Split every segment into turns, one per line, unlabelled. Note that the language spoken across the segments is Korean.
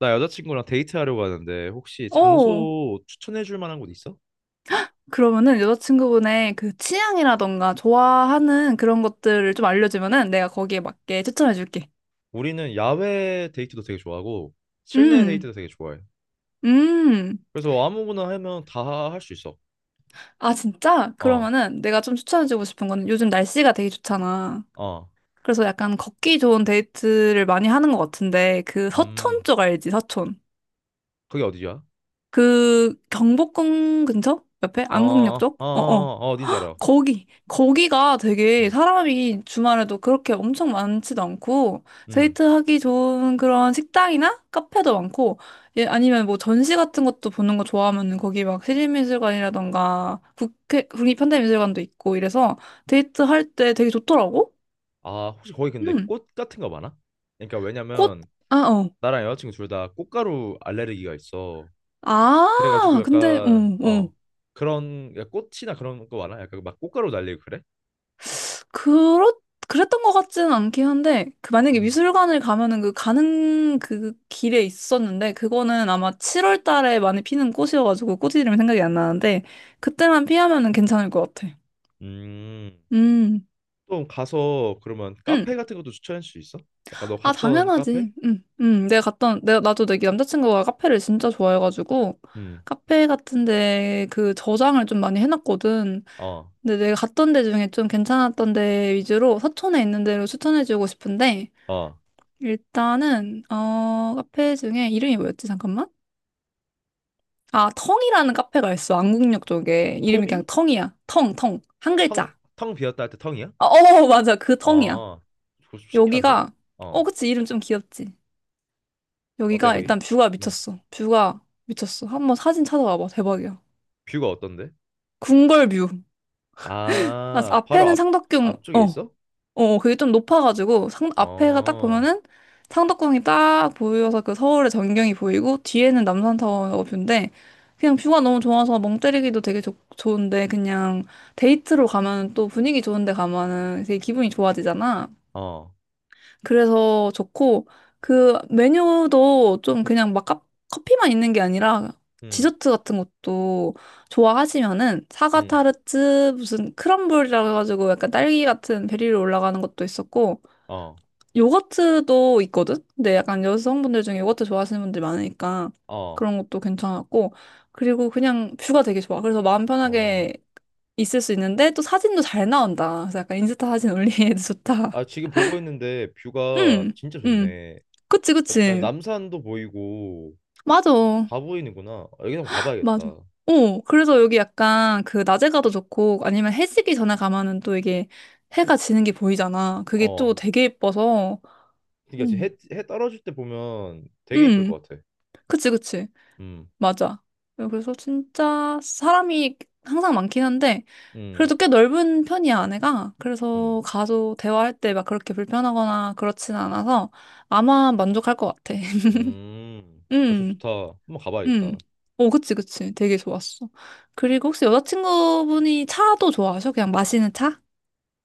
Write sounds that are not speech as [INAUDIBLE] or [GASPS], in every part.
나 여자친구랑 데이트하려고 하는데 혹시
어,
장소 추천해 줄 만한 곳 있어?
그러면은 여자친구분의 그 취향이라던가 좋아하는 그런 것들을 좀 알려주면은 내가 거기에 맞게 추천해줄게.
우리는 야외 데이트도 되게 좋아하고 실내
음,
데이트도 되게 좋아해.
음.
그래서 아무거나 하면 다 할 수 있어.
아, 진짜?
어,
그러면은 내가 좀 추천해주고 싶은 거는 요즘 날씨가 되게 좋잖아.
어,
그래서 약간 걷기 좋은 데이트를 많이 하는 것 같은데 그 서촌
음,
쪽 알지? 서촌.
그게 어디야?
그 경복궁 근처? 옆에?
어,
안국역
어,
쪽?
어,
어어.
어, 어, 어딘지 알아.
거기가
음,
되게 사람이 주말에도 그렇게 엄청 많지도 않고,
음.
데이트하기 좋은 그런 식당이나 카페도 많고, 예, 아니면 뭐 전시 같은 것도 보는 거 좋아하면 거기 막 시립미술관이라던가 국립현대미술관도 있고 이래서 데이트할 때 되게 좋더라고?
아, 혹시 거기 근데
음,
꽃 같은 거 많아? 그러니까
꽃,
왜냐면
아, 어.
나랑 여자친구 둘 다 꽃가루 알레르기가 있어.
아,
그래가지고
근데,
약간
어.
어 그런 그러니까 꽃이나 그런 거 많아? 약간 막 꽃가루 날리고 그래?
그렇, 그랬던 것 같지는 않긴 한데, 그 만약에
음.
미술관을 가면은 그 가는 그 길에 있었는데, 그거는 아마 7월 달에 많이 피는 꽃이어가지고 꽃 이름이 생각이 안 나는데, 그때만 피하면은 괜찮을 것 같아.
음.
음,
좀 가서 그러면
음.
카페 같은 것도 추천할 수 있어? 약간 너
아,
갔던 카페?
당연하지. 나도 내 남자친구가 카페를 진짜 좋아해가지고,
음.
카페 같은데 그 저장을 좀 많이 해놨거든.
어.
근데 내가 갔던 데 중에 좀 괜찮았던 데 위주로 서촌에 있는 데로 추천해주고 싶은데,
어.
일단은 카페 중에 이름이 뭐였지? 잠깐만. 아 텅이라는 카페가 있어. 안국역 쪽에 이름이 그냥
토미?
텅이야. 텅, 텅. 한
텅,
글자.
텅 비었다 할 때 텅이야?
어, 어 [LAUGHS] 맞아. 그 텅이야.
어. 그거 좀 신기한데?
여기가
어.
그치 이름 좀 귀엽지.
어때
여기가
거기?
일단 뷰가
음.
미쳤어. 뷰가 미쳤어. 한번 사진 찾아봐봐. 대박이야.
뷰가 어떤데?
궁궐뷰. 아,
아, 바로
앞에는
앞
상덕궁.
앞쪽에
어.
있어?
어, 그게 좀 높아가지고 상 앞에가 딱
어.
보면은 상덕궁이 딱 보여서 그 서울의 전경이 보이고 뒤에는 남산타워 뷰인데 그냥 뷰가 너무 좋아서 멍 때리기도 되게 좋 좋은데 그냥 데이트로 가면 또 분위기 좋은데 가면은 되게 기분이 좋아지잖아.
어.
그래서 좋고 그 메뉴도 좀 그냥 막 커피만 있는 게 아니라
음.
디저트 같은 것도 좋아하시면은 사과
음.
타르트 무슨 크럼블이라 해가지고 약간 딸기 같은 베리로 올라가는 것도 있었고
어.
요거트도 있거든? 근데 약간 여성분들 중에 요거트 좋아하시는 분들 많으니까
어.
그런 것도 괜찮았고. 그리고 그냥 뷰가 되게 좋아. 그래서 마음
어.
편하게 있을 수 있는데 또 사진도 잘 나온다. 그래서 약간 인스타 사진 [LAUGHS] 올리기에도 좋다.
아, 지금 보고 있는데 뷰가
응,
진짜
응.
좋네.
그치,
약간
그치.
남산도 보이고
맞아.
다 보이는구나. 여기 한번
맞아.
가봐야겠다.
어, 그래서 여기 약간 그 낮에 가도 좋고 아니면 해 지기 전에 가면은 또 이게 해가 지는 게 보이잖아. 그게 또
어.
되게 예뻐서.
그러니까 지금
응,
해, 해 떨어질 때 보면 되게 이쁠
응.
것 같아.
그치, 그치.
음,
맞아. 그래서 진짜 사람이 항상 많긴 한데,
음,
그래도 꽤 넓은 편이야, 아내가.
음,
그래서 가서 대화할 때 막 그렇게 불편하거나 그렇진 않아서 아마 만족할 것 같아. [LAUGHS]
아, 저
음,
좋다. 한번
음.
가봐야겠다.
오, 그치, 그치. 되게 좋았어. 그리고 혹시 여자친구분이 차도 좋아하셔? 그냥 마시는 차?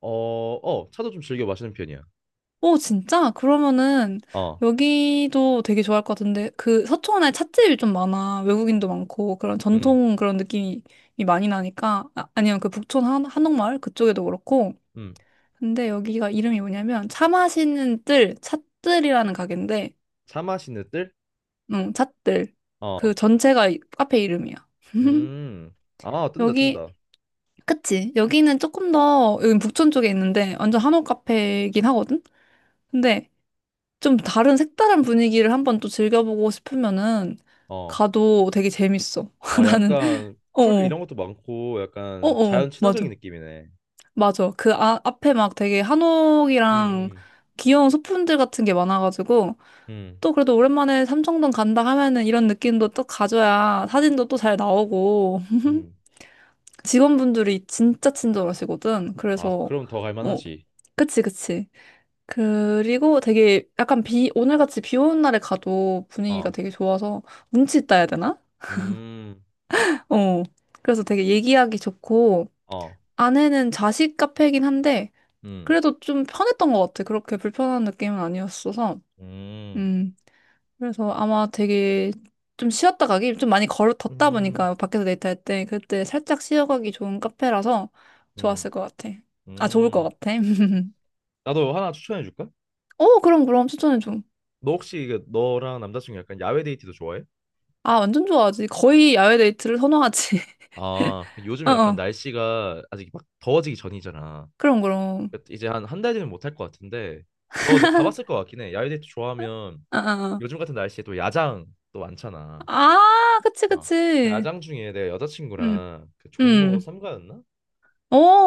어, 어, 차도 좀 즐겨 마시는 편이야.
오, 진짜? 그러면은
어,
여기도 되게 좋아할 것 같은데 그 서초원에 찻집이 좀 많아. 외국인도 많고 그런
음,
전통 그런 느낌이 많이 나니까 아, 아니면 그 북촌 한옥마을 그쪽에도 그렇고
음.
근데 여기가 이름이 뭐냐면 차 마시는 뜰 찻뜰이라는 가게인데
차 마시는 뜰?
응, 찻뜰
어,
그 전체가 카페 이름이야. [LAUGHS]
음. 아, 뜬다,
여기
뜬다.
그치? 여기는 조금 더 여기 북촌 쪽에 있는데 완전 한옥 카페이긴 하거든? 근데 좀 다른 색다른 분위기를 한번 또 즐겨보고 싶으면은
어,
가도 되게 재밌어.
아,
[LAUGHS] 나는
약간 풀
어어
이런 것도 많고 약간 자연
어어
친화적인
맞아
느낌이네.
맞아 그 아, 앞에 막 되게 한옥이랑
음,
귀여운 소품들 같은 게 많아가지고
음,
또 그래도 오랜만에 삼청동 간다 하면은 이런 느낌도 또 가져야 사진도 또 잘 나오고
음, 음.
[LAUGHS] 직원분들이 진짜 친절하시거든.
아,
그래서
그럼 더
어
갈만하지.
그치 그치 그리고 되게 약간 오늘같이 비 오는 날에 가도 분위기가
어,
되게 좋아서 운치 있다 해야 되나?
음,
어. 그래서 되게 얘기하기 좋고,
어,
안에는 자식 카페이긴 한데,
음,
그래도 좀 편했던 것 같아. 그렇게 불편한 느낌은 아니었어서.
음,
음. 그래서 아마 되게 좀 쉬었다 가기, 좀 많이 걸어, 덥다
음.
보니까 밖에서 데이트할 때, 그때 살짝 쉬어가기 좋은 카페라서 좋았을
음.
것 같아. 아, 좋을 것
음,
같아. [LAUGHS]
나도 하나 추천해 줄까?
어, 그럼, 그럼 추천해줘.
너 혹시 이게 너랑 남자친구 약간 야외 데이트도 좋아해?
아, 완전 좋아하지. 거의 야외 데이트를 선호하지.
아, 요즘
어,
약간
어.
날씨가 아직 막 더워지기 전이잖아.
그럼, 그럼.
그러니까 이제 한 한 달 뒤면 못 할 것 같은데, 너 근데 가봤을 것 같긴 해. 야외 데이트 좋아하면
어, 어. 어.
요즘 같은 날씨에 또 야장 또 많잖아.
아, 아, 그치,
어. 그
그치.
야장 중에 내
응,
여자친구랑 그 종로
응.
삼가였나?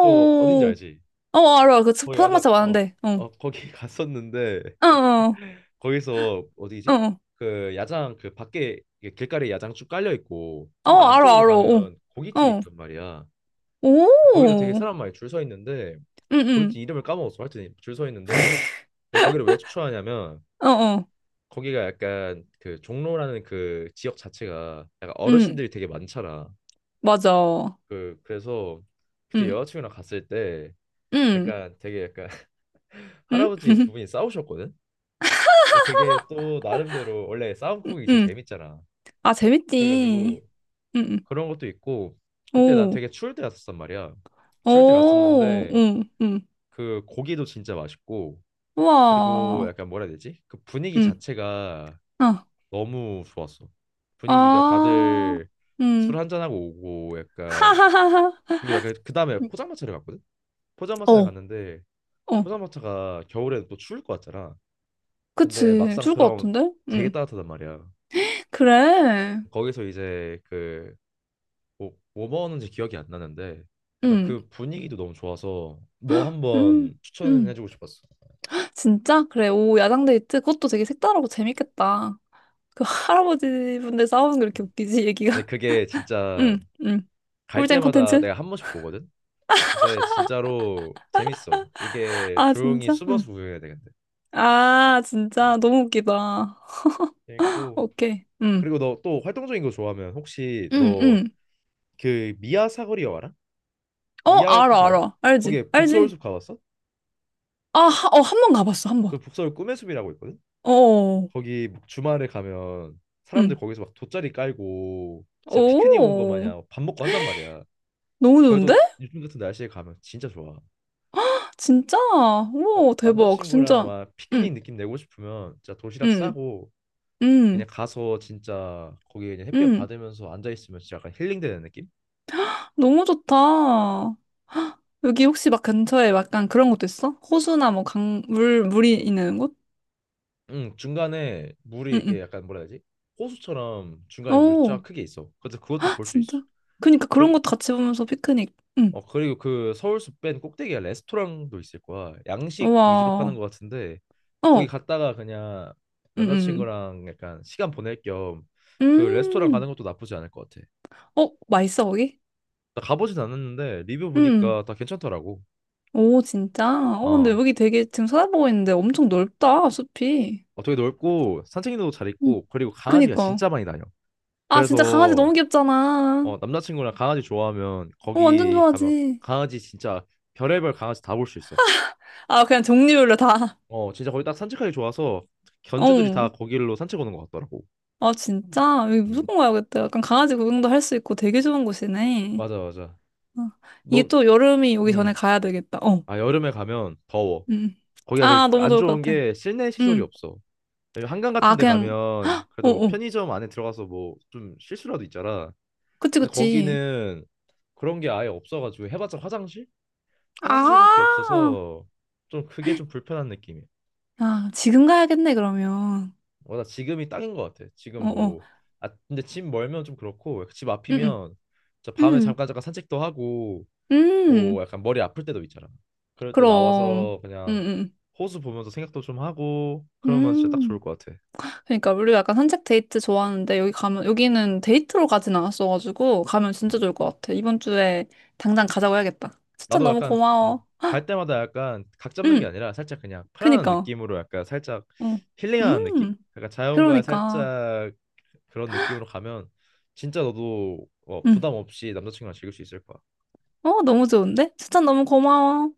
저 어딘지 알지?
어, 알아. 그
거기 야장
포장마차
어,
많은데. 어,
어 거기 [LAUGHS] 갔었는데
어, 어,
거기서 어디지?
어.
그 야장 그 밖에 이게 길가에 야장 쭉 깔려 있고
어,
좀 더
알아,
안쪽으로
알아. 어,
가면 고깃집이
어.
있단 말이야.
오,
거기도 되게
응,
사람 많이 줄 서 있는데
응.
고깃집 이름을 까먹었어. 하여튼 줄 서 있는데 내가 거기를 왜 추천하냐면
어, 어.
거기가 약간 그 종로라는 그 지역 자체가 약간
응,
어르신들이 되게 많잖아.
맞아.
그래서 그때
응,
여자친구랑 갔을 때
응,
약간 되게 약간 [LAUGHS]
응,
할아버지 두
[LAUGHS]
분이 싸우셨거든. 근데 그게 또 나름대로 원래
응.
싸움국이 제일
응.
재밌잖아.
아, 재밌지.
그래가지고
응, 응.
그런 것도 있고 그때 난
오,
되게 추울 때 갔었단 말이야. 추울 때
오,
갔었는데
응, 응.
그 고기도 진짜 맛있고 그리고
우와.
약간 뭐라 해야 되지? 그 분위기
응,
자체가
어.
너무 좋았어. 분위기가
아,
다들
응.
술 한잔하고 오고
[LAUGHS]
약간
하하하하.
그리고 약간 그 다음에 포장마차를 갔거든? 포장마차를
어.
갔는데
어,
포장마차가 겨울에는 또 추울 것 같잖아. 근데
그치.
막상
좋을 것
들어가면
같은데?
되게
응.
따뜻하단 말이야.
그래.
거기서 이제 그 뭐 먹었는지 기억이 안 나는데 살짝
응,
그 분위기도 너무 좋아서 너
응,
한번
응.
추천해주고 싶었어.
진짜? 그래. 오, 야당 데이트? 그것도 되게 색다르고 재밌겠다. 그 할아버지 분들 싸우는 거 이렇게
음.
웃기지,
근데
얘기가?
그게
[LAUGHS]
진짜
응, 응.
갈
꿀잼
때마다
콘텐츠?
내가 한 번씩 보거든. 근데 진짜로 재밌어. 이게
아,
조용히
진짜?
숨어서
응.
구경해야 되는데.
아,
아,
진짜. 너무 웃기다.
재밌고
오케이. 응,
그리고 너 또 활동적인 거 좋아하면 혹시
응,
너
응.
그 미아 사거리 여 알아?
어,
미아 역시
알아,
알아?
알아. 알지,
거기에
알지.
북서울숲 가봤어?
아, 어, 한 번 가봤어, 한 번.
그 북서울 꿈의 숲이라고 있거든.
어,
거기 막 주말에 가면 사람들
응.
거기서 막 돗자리 깔고 진짜 피크닉 온 거
오,
마냥 밥 먹고 한단 말이야.
너무 좋은데?
거기도 요즘 같은 날씨에 가면 진짜 좋아.
진짜?
그래서
우와, 대박.
남자친구랑
진짜.
막 피크닉
응,
느낌 내고 싶으면 진짜 도시락
응,
싸고 그냥
응,
가서 진짜 거기 그냥 햇볕
응.
받으면서 앉아 있으면 진짜 약간 힐링되는 느낌?
너무 좋다. [GASPS] 여기 혹시 막 근처에 약간 그런 것도 있어? 호수나 뭐 강, 물, 물이 있는 곳?
응, 중간에 물이
응,
이렇게
응.
약간 뭐라 해야 되지? 호수처럼 중간에 물 쫙
오,
크게 있어. 그래서
[GASPS]
그것도
헉,
볼 수 있어.
진짜? 그니까 그런
그
것도 같이 보면서 피크닉. 응.
어 그리고 그 서울숲밴 꼭대기에 레스토랑도 있을 거야. 양식 위주로 파는
우와.
것 같은데 거기
어,
갔다가 그냥
응, 응.
남자친구랑 약간 시간 보낼 겸
응.
그 레스토랑 가는
음.
것도 나쁘지 않을 것 같아.
어, 맛있어, 거기?
나 가보진 않았는데 리뷰
응.
보니까 다 괜찮더라고.
오, 진짜? 어, 근데
어,
여기 되게 지금 찾아보고 있는데 엄청 넓다, 숲이.
어 되게 넓고 산책로도 잘
응.
있고 그리고 강아지가
그니까.
진짜 많이 다녀.
아, 진짜 강아지
그래서
너무 귀엽잖아.
어 남자친구랑 강아지 좋아하면
어, 완전
거기 가면
좋아하지.
강아지 진짜 별의별 강아지 다 볼 수 있어.
아, 그냥 종류별로 다.
어 진짜 거기 딱 산책하기 좋아서 견주들이 다
어.
거길로 산책 오는 것 같더라고.
아, 진짜? 여기
음.
무조건 가야겠다. 약간 강아지 구경도 할 수 있고 되게 좋은 곳이네.
맞아, 맞아.
어. 이게
넌,
또 여름이 오기 전에
음.
가야 되겠다. 어.
아, 여름에 가면 더워.
음. 음.
거기가
아, 너무
안
좋을 것
좋은
같아.
게 실내 시설이
음.
없어. 왜냐면 한강 같은
아,
데
그냥,
가면
어,
그래도 뭐
어.
편의점 안에 들어가서 뭐 좀 쉴 수라도 있잖아.
그치,
근데
그치.
거기는 그런 게 아예 없어가지고 해봤자 화장실? 화장실밖에
아,
없어서 좀 그게 좀 불편한 느낌이야.
아, 지금 가야겠네, 그러면.
어, 나 지금이 딱인 것 같아.
어,
지금
어.
뭐, 아, 근데 집 멀면 좀 그렇고 집
음,
앞이면 진짜 밤에
음.
잠깐 잠깐 산책도 하고
음,
뭐
음.
약간 머리 아플 때도 있잖아. 그럴 때
그럼.
나와서
음,
그냥
음.
호수 보면서 생각도 좀 하고 그러면 진짜 딱 좋을
음.
것 같아.
그러니까 우리가 약간 산책 데이트 좋아하는데 여기 가면 여기는 데이트로 가진 않았어가지고 가면 진짜
음.
좋을 것 같아. 이번 주에 당장 가자고 해야겠다. 추천
나도
너무
약간
고마워.
갈 때마다 약간 각 잡는 게
응,
아니라 살짝 그냥 편안한
그니까.
느낌으로 약간 살짝
응,
힐링하는 느낌?
음,
약간 자연과
그러니까.
살짝 그런 느낌으로 가면 진짜 너도 어,
응.
부담 없이 남자친구랑 즐길 수 있을 거야.
어, 너무 좋은데? 추천 너무 고마워.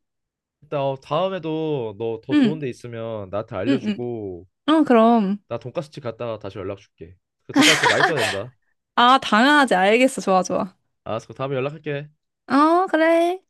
일단 어, 다음에도 너 더 좋은
응,
데 있으면 나한테
응, 응.
알려주고
어, 그럼.
나 돈까스집 갔다가 다시 연락 줄게. 그 돈까스 진짜 맛있어야 된다.
아, 당연하지. 알겠어. 좋아, 좋아.
알았어. 그럼 다음에 연락할게.
어, 그래.